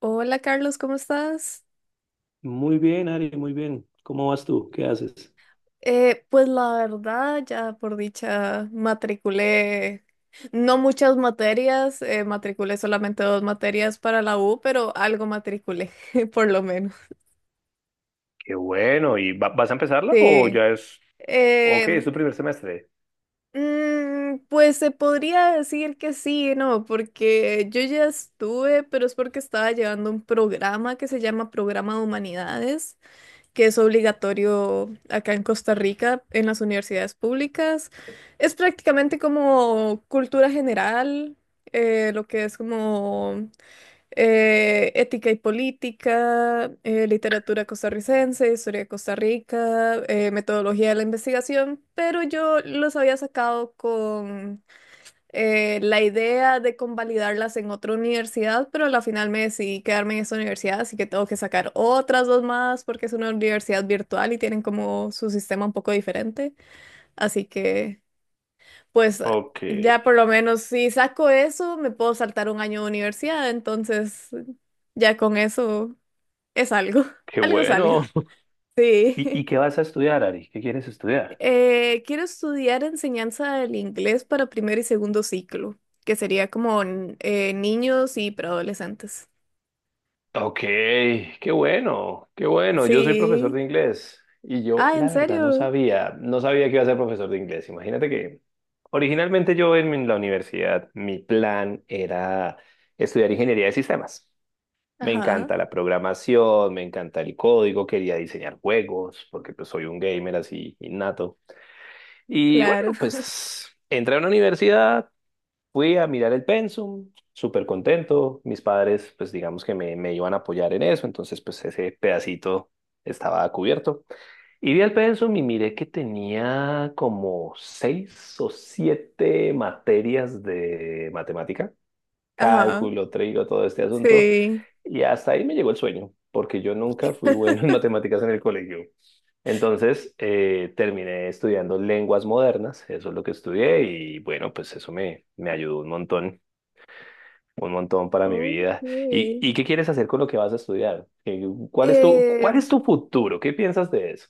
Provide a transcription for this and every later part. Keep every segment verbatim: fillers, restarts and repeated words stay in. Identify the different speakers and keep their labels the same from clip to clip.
Speaker 1: Hola Carlos, ¿cómo estás?
Speaker 2: Muy bien, Ari, muy bien. ¿Cómo vas tú? ¿Qué haces?
Speaker 1: Eh, pues la verdad, ya por dicha, matriculé no muchas materias, eh, matriculé solamente dos materias para la U, pero algo matriculé, por lo menos.
Speaker 2: Qué bueno. ¿Y va- vas a empezarla o
Speaker 1: Sí.
Speaker 2: ya es... Ok, es
Speaker 1: Eh,
Speaker 2: tu primer semestre.
Speaker 1: mm, pues se podría decir que sí, ¿no? Porque yo ya estuve, pero es porque estaba llevando un programa que se llama Programa de Humanidades, que es obligatorio acá en Costa Rica, en las universidades públicas. Es prácticamente como cultura general, eh, lo que es como eh, ética y política, eh, literatura costarricense, historia de Costa Rica, eh, metodología de la investigación, pero yo los había sacado con eh, la idea de convalidarlas en otra universidad, pero a la final me decidí quedarme en esa universidad, así que tengo que sacar otras dos más porque es una universidad virtual y tienen como su sistema un poco diferente. Así que, pues,
Speaker 2: Ok,
Speaker 1: ya por lo menos si saco eso, me puedo saltar un año de universidad, entonces ya con eso es algo,
Speaker 2: qué
Speaker 1: algo es algo.
Speaker 2: bueno. ¿Y, y
Speaker 1: Sí.
Speaker 2: qué vas a estudiar, Ari? ¿Qué quieres estudiar?
Speaker 1: Eh, quiero estudiar enseñanza del inglés para primer y segundo ciclo, que sería como n- eh, niños y preadolescentes.
Speaker 2: Ok, qué bueno, qué bueno. Yo soy profesor
Speaker 1: Sí.
Speaker 2: de inglés y yo
Speaker 1: Ah, ¿en
Speaker 2: la verdad no
Speaker 1: serio?
Speaker 2: sabía, no sabía que iba a ser profesor de inglés. Imagínate que originalmente yo en la universidad, mi plan era estudiar ingeniería de sistemas. Me
Speaker 1: Ajá,
Speaker 2: encanta la programación, me encanta el código, quería diseñar juegos, porque pues soy un gamer así innato. Y
Speaker 1: claro.
Speaker 2: bueno, pues entré a una universidad, fui a mirar el pensum, súper contento. Mis padres, pues digamos que me, me iban a apoyar en eso, entonces pues ese pedacito estaba cubierto. Y vi el pensum y miré que tenía como seis o siete materias de matemática,
Speaker 1: Ajá,
Speaker 2: cálculo, trigo, todo este asunto.
Speaker 1: sí.
Speaker 2: Y hasta ahí me llegó el sueño, porque yo nunca fui bueno en matemáticas en el colegio. Entonces, eh, terminé estudiando lenguas modernas, eso es lo que estudié y bueno, pues eso me, me ayudó un montón, un montón para mi
Speaker 1: Ok.
Speaker 2: vida. ¿Y, y qué quieres hacer con lo que vas a estudiar? Eh, ¿Cuál es tu, cuál
Speaker 1: Em,
Speaker 2: es tu futuro? ¿Qué piensas de eso?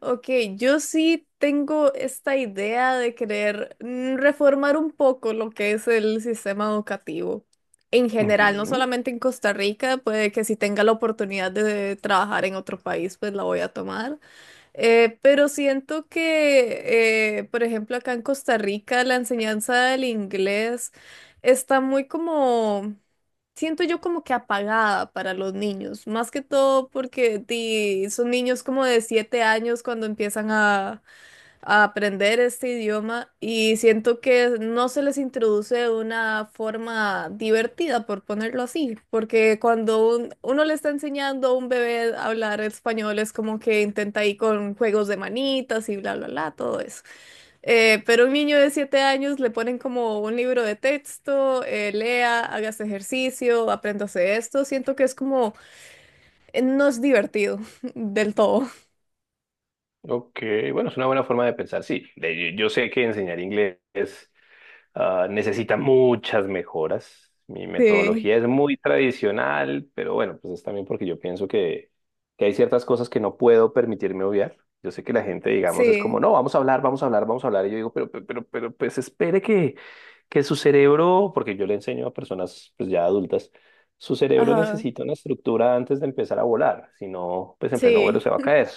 Speaker 1: Ok, yo sí tengo esta idea de querer mm, reformar un poco lo que es el sistema educativo en general, no
Speaker 2: Ujú.
Speaker 1: solamente en Costa Rica, puede que si tenga la oportunidad de trabajar en otro país, pues la voy a tomar. Eh, pero siento que, eh, por ejemplo, acá en Costa Rica la enseñanza del inglés está muy como siento yo como que apagada para los niños, más que todo porque di, son niños como de siete años cuando empiezan a, a aprender este idioma y siento que no se les introduce de una forma divertida, por ponerlo así, porque cuando un- uno le está enseñando a un bebé a hablar español es como que intenta ir con juegos de manitas y bla, bla, bla, todo eso. Eh, pero a un niño de siete años le ponen como un libro de texto, eh, lea, hagas ejercicio, apréndase esto. Siento que es como, eh, no es divertido del todo.
Speaker 2: Ok, bueno, es una buena forma de pensar, sí. De- yo sé que enseñar inglés ah, necesita muchas mejoras. Mi
Speaker 1: Sí,
Speaker 2: metodología es muy tradicional, pero bueno, pues es también porque yo pienso que, que hay ciertas cosas que no puedo permitirme obviar. Yo sé que la gente, digamos, es como,
Speaker 1: sí,
Speaker 2: no, vamos a hablar, vamos a hablar, vamos a hablar. Y yo digo, pero, pero, pero, pero, pues espere que, que su cerebro, porque yo le enseño a personas pues ya adultas, su cerebro
Speaker 1: ajá,
Speaker 2: necesita una estructura antes de empezar a volar. Si no, pues en pleno vuelo
Speaker 1: sí.
Speaker 2: se va a caer.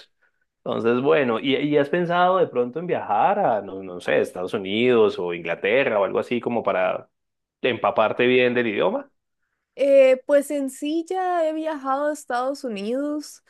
Speaker 2: Entonces, bueno, ¿y, y has pensado de pronto en viajar a, no, no sé, Estados Unidos o Inglaterra o algo así como para empaparte bien del idioma?
Speaker 1: Eh, pues en sí ya he viajado a Estados Unidos.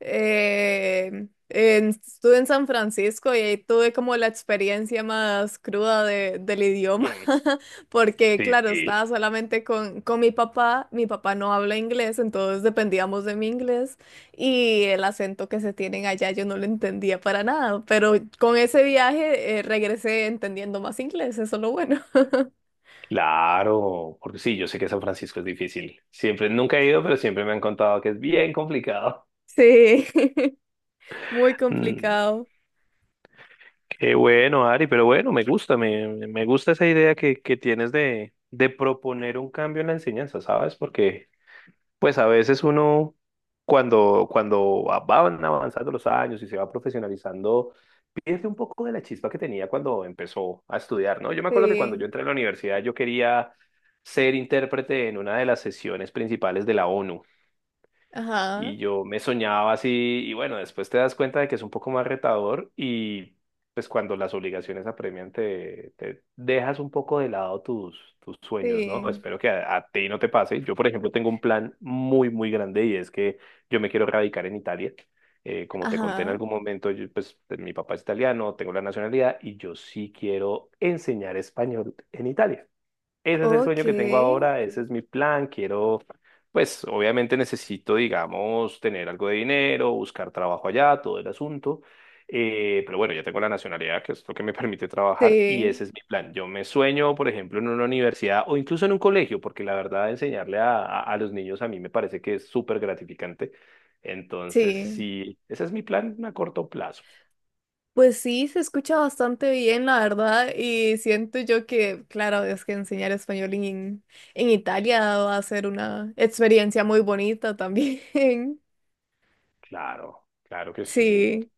Speaker 1: eh, en- estuve en San Francisco y ahí tuve como la experiencia más cruda de- del idioma,
Speaker 2: Mm.
Speaker 1: porque claro,
Speaker 2: Sí,
Speaker 1: estaba solamente con, con mi papá. Mi papá no habla inglés, entonces dependíamos de mi inglés y el acento que se tienen allá yo no lo entendía para nada, pero con ese viaje eh, regresé entendiendo más inglés, eso es lo bueno.
Speaker 2: claro, porque sí, yo sé que San Francisco es difícil. Siempre, nunca he ido, pero siempre me han contado que es bien complicado.
Speaker 1: Sí, muy
Speaker 2: Mm.
Speaker 1: complicado.
Speaker 2: Qué bueno, Ari, pero bueno, me gusta, me, me gusta esa idea que, que tienes de, de proponer un cambio en la enseñanza, ¿sabes? Porque pues a veces uno, cuando, cuando van avanzando los años y se va profesionalizando, pierde un poco de la chispa que tenía cuando empezó a estudiar, ¿no? Yo me acuerdo que cuando yo
Speaker 1: Sí,
Speaker 2: entré a la universidad yo quería ser intérprete en una de las sesiones principales de la ONU.
Speaker 1: ajá,
Speaker 2: Y yo me soñaba así, y bueno, después te das cuenta de que es un poco más retador y pues cuando las obligaciones apremian te, te dejas un poco de lado tus, tus sueños, ¿no?
Speaker 1: sí,
Speaker 2: Espero que a, a ti no te pase. Yo, por ejemplo, tengo un plan muy, muy grande y es que yo me quiero radicar en Italia. Eh, como te conté en
Speaker 1: ajá,
Speaker 2: algún momento, yo, pues mi papá es italiano, tengo la nacionalidad y yo sí quiero enseñar español en Italia. Ese es el sueño que tengo
Speaker 1: ok,
Speaker 2: ahora, ese es mi plan. Quiero, pues obviamente necesito, digamos, tener algo de dinero, buscar trabajo allá, todo el asunto. Eh, pero bueno, ya tengo la nacionalidad, que es lo que me permite trabajar, y
Speaker 1: sí,
Speaker 2: ese es mi plan. Yo me sueño, por ejemplo, en una universidad o incluso en un colegio, porque la verdad, enseñarle a, a, a los niños a mí me parece que es súper gratificante. Entonces,
Speaker 1: sí.
Speaker 2: sí, ese es mi plan a corto plazo.
Speaker 1: Pues sí, se escucha bastante bien, la verdad, y siento yo que, claro, es que enseñar español en, en, Italia va a ser una experiencia muy bonita también.
Speaker 2: Claro, claro que sí.
Speaker 1: Sí.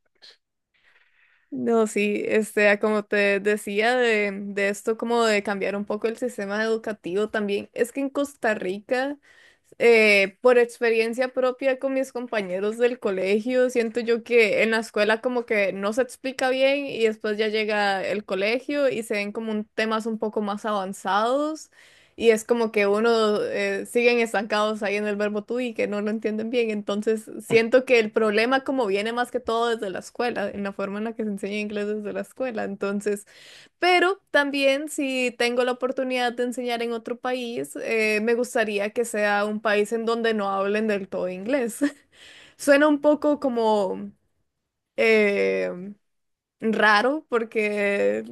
Speaker 1: No, sí, este, a como te decía de, de esto, como de cambiar un poco el sistema educativo también, es que en Costa Rica, eh, por experiencia propia con mis compañeros del colegio, siento yo que en la escuela como que no se explica bien y después ya llega el colegio y se ven como un temas un poco más avanzados. Y es como que uno eh, siguen estancados ahí en el verbo tú y que no lo entienden bien. Entonces, siento que el problema como viene más que todo desde la escuela, en la forma en la que se enseña inglés desde la escuela. Entonces, pero también si tengo la oportunidad de enseñar en otro país, eh, me gustaría que sea un país en donde no hablen del todo inglés. Suena un poco como eh, raro porque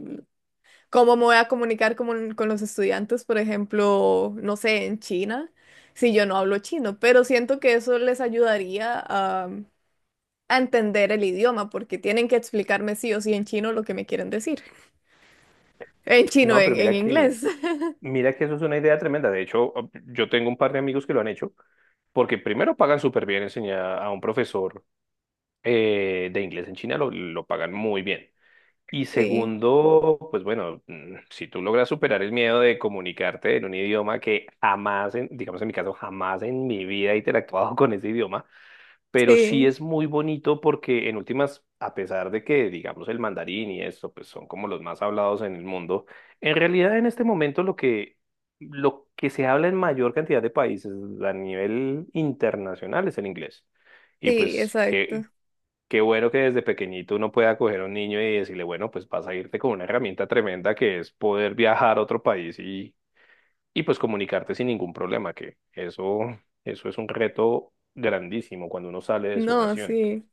Speaker 1: ¿cómo me voy a comunicar con, con los estudiantes, por ejemplo, no sé, en China, si yo no hablo chino? Pero siento que eso les ayudaría a, a, entender el idioma, porque tienen que explicarme sí o sí en chino lo que me quieren decir. En chino,
Speaker 2: No,
Speaker 1: en,
Speaker 2: pero
Speaker 1: en
Speaker 2: mira que
Speaker 1: inglés.
Speaker 2: mira que eso es una idea tremenda. De hecho, yo tengo un par de amigos que lo han hecho, porque primero pagan súper bien enseñar a un profesor eh, de inglés en China, lo, lo pagan muy bien. Y
Speaker 1: Sí,
Speaker 2: segundo, pues bueno, mm, si tú logras superar el miedo de comunicarte en un idioma que jamás, en- digamos en mi caso, jamás en mi vida he interactuado con ese idioma, pero sí
Speaker 1: sí,
Speaker 2: es muy bonito porque en últimas, a pesar de que, digamos, el mandarín y esto, pues son como los más hablados en el mundo, en realidad en este momento lo que, lo que se habla en mayor cantidad de países a nivel internacional es el inglés. Y
Speaker 1: sí,
Speaker 2: pues
Speaker 1: exacto.
Speaker 2: qué, qué bueno que desde pequeñito uno pueda coger a un niño y decirle, bueno, pues vas a irte con una herramienta tremenda que es poder viajar a otro país y y pues comunicarte sin ningún problema, que eso, eso es un reto grandísimo cuando uno sale de su
Speaker 1: No,
Speaker 2: nación.
Speaker 1: sí.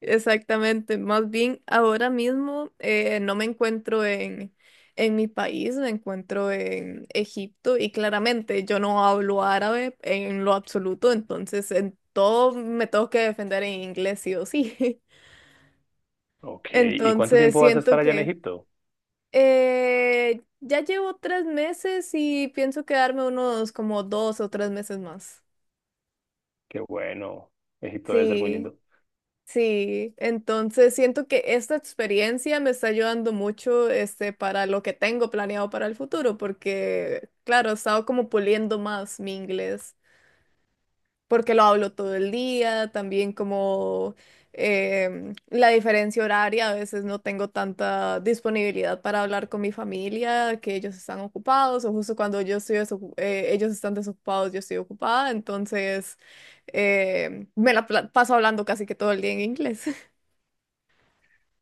Speaker 1: Exactamente, más bien ahora mismo eh, no me encuentro en, en mi país, me encuentro en Egipto y claramente yo no hablo árabe en lo absoluto, entonces en todo me tengo que defender en inglés sí o sí.
Speaker 2: Ok, ¿y cuánto
Speaker 1: Entonces
Speaker 2: tiempo vas a
Speaker 1: siento
Speaker 2: estar allá en
Speaker 1: que
Speaker 2: Egipto?
Speaker 1: eh, ya llevo tres meses y pienso quedarme unos como dos o tres meses más.
Speaker 2: Qué bueno, Egipto debe ser muy
Speaker 1: Sí.
Speaker 2: lindo.
Speaker 1: Sí, entonces siento que esta experiencia me está ayudando mucho este, para lo que tengo planeado para el futuro, porque claro, he estado como puliendo más mi inglés, porque lo hablo todo el día, también como em, la diferencia horaria, a veces no tengo tanta disponibilidad para hablar con mi familia, que ellos están ocupados, o justo cuando yo estoy desocu- eh, ellos están desocupados, yo estoy ocupada, entonces em, me la pla- paso hablando casi que todo el día en inglés.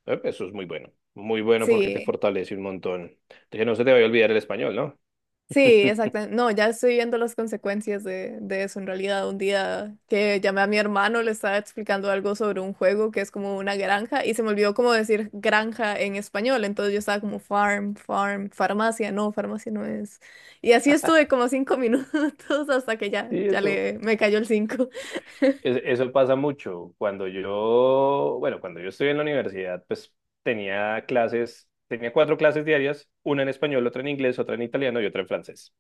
Speaker 2: Eh, Eso es muy bueno, muy bueno porque te
Speaker 1: Sí,
Speaker 2: fortalece un montón. Que no se te vaya a olvidar el español, ¿no?
Speaker 1: sí, exactamente. No, ya estoy viendo las consecuencias de, de, eso en realidad. Un día que llamé a mi hermano, le estaba explicando algo sobre un juego que es como una granja y se me olvidó cómo decir granja en español. Entonces yo estaba como farm, farm, farmacia, no, farmacia no es. Y así estuve como cinco minutos hasta que ya,
Speaker 2: Sí,
Speaker 1: ya
Speaker 2: eso.
Speaker 1: le, me cayó el cinco.
Speaker 2: Es- Eso pasa mucho. Cuando yo, bueno, cuando yo estuve en la universidad, pues tenía clases, tenía cuatro clases diarias, una en español, otra en inglés, otra en italiano y otra en francés.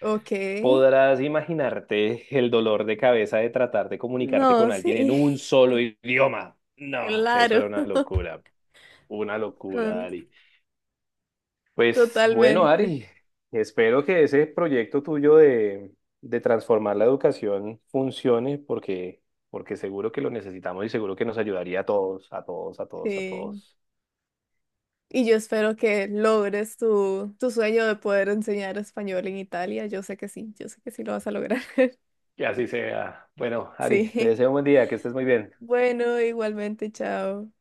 Speaker 1: Ok,
Speaker 2: Podrás imaginarte el dolor de cabeza de tratar de comunicarte
Speaker 1: no,
Speaker 2: con alguien en
Speaker 1: sí,
Speaker 2: un solo idioma. No, eso
Speaker 1: claro,
Speaker 2: era una locura, una locura, Ari. Pues bueno,
Speaker 1: Totalmente,
Speaker 2: Ari, espero que ese proyecto tuyo de, de transformar la educación funcione porque, porque seguro que lo necesitamos y seguro que nos ayudaría a todos, a todos, a todos, a
Speaker 1: sí.
Speaker 2: todos.
Speaker 1: Y yo espero que logres tu, tu, sueño de poder enseñar español en Italia. Yo sé que sí, yo sé que sí lo vas a lograr.
Speaker 2: Que así sea. Bueno, Ari, te
Speaker 1: Sí.
Speaker 2: deseo un buen día, que estés muy bien.
Speaker 1: Bueno, igualmente, chao.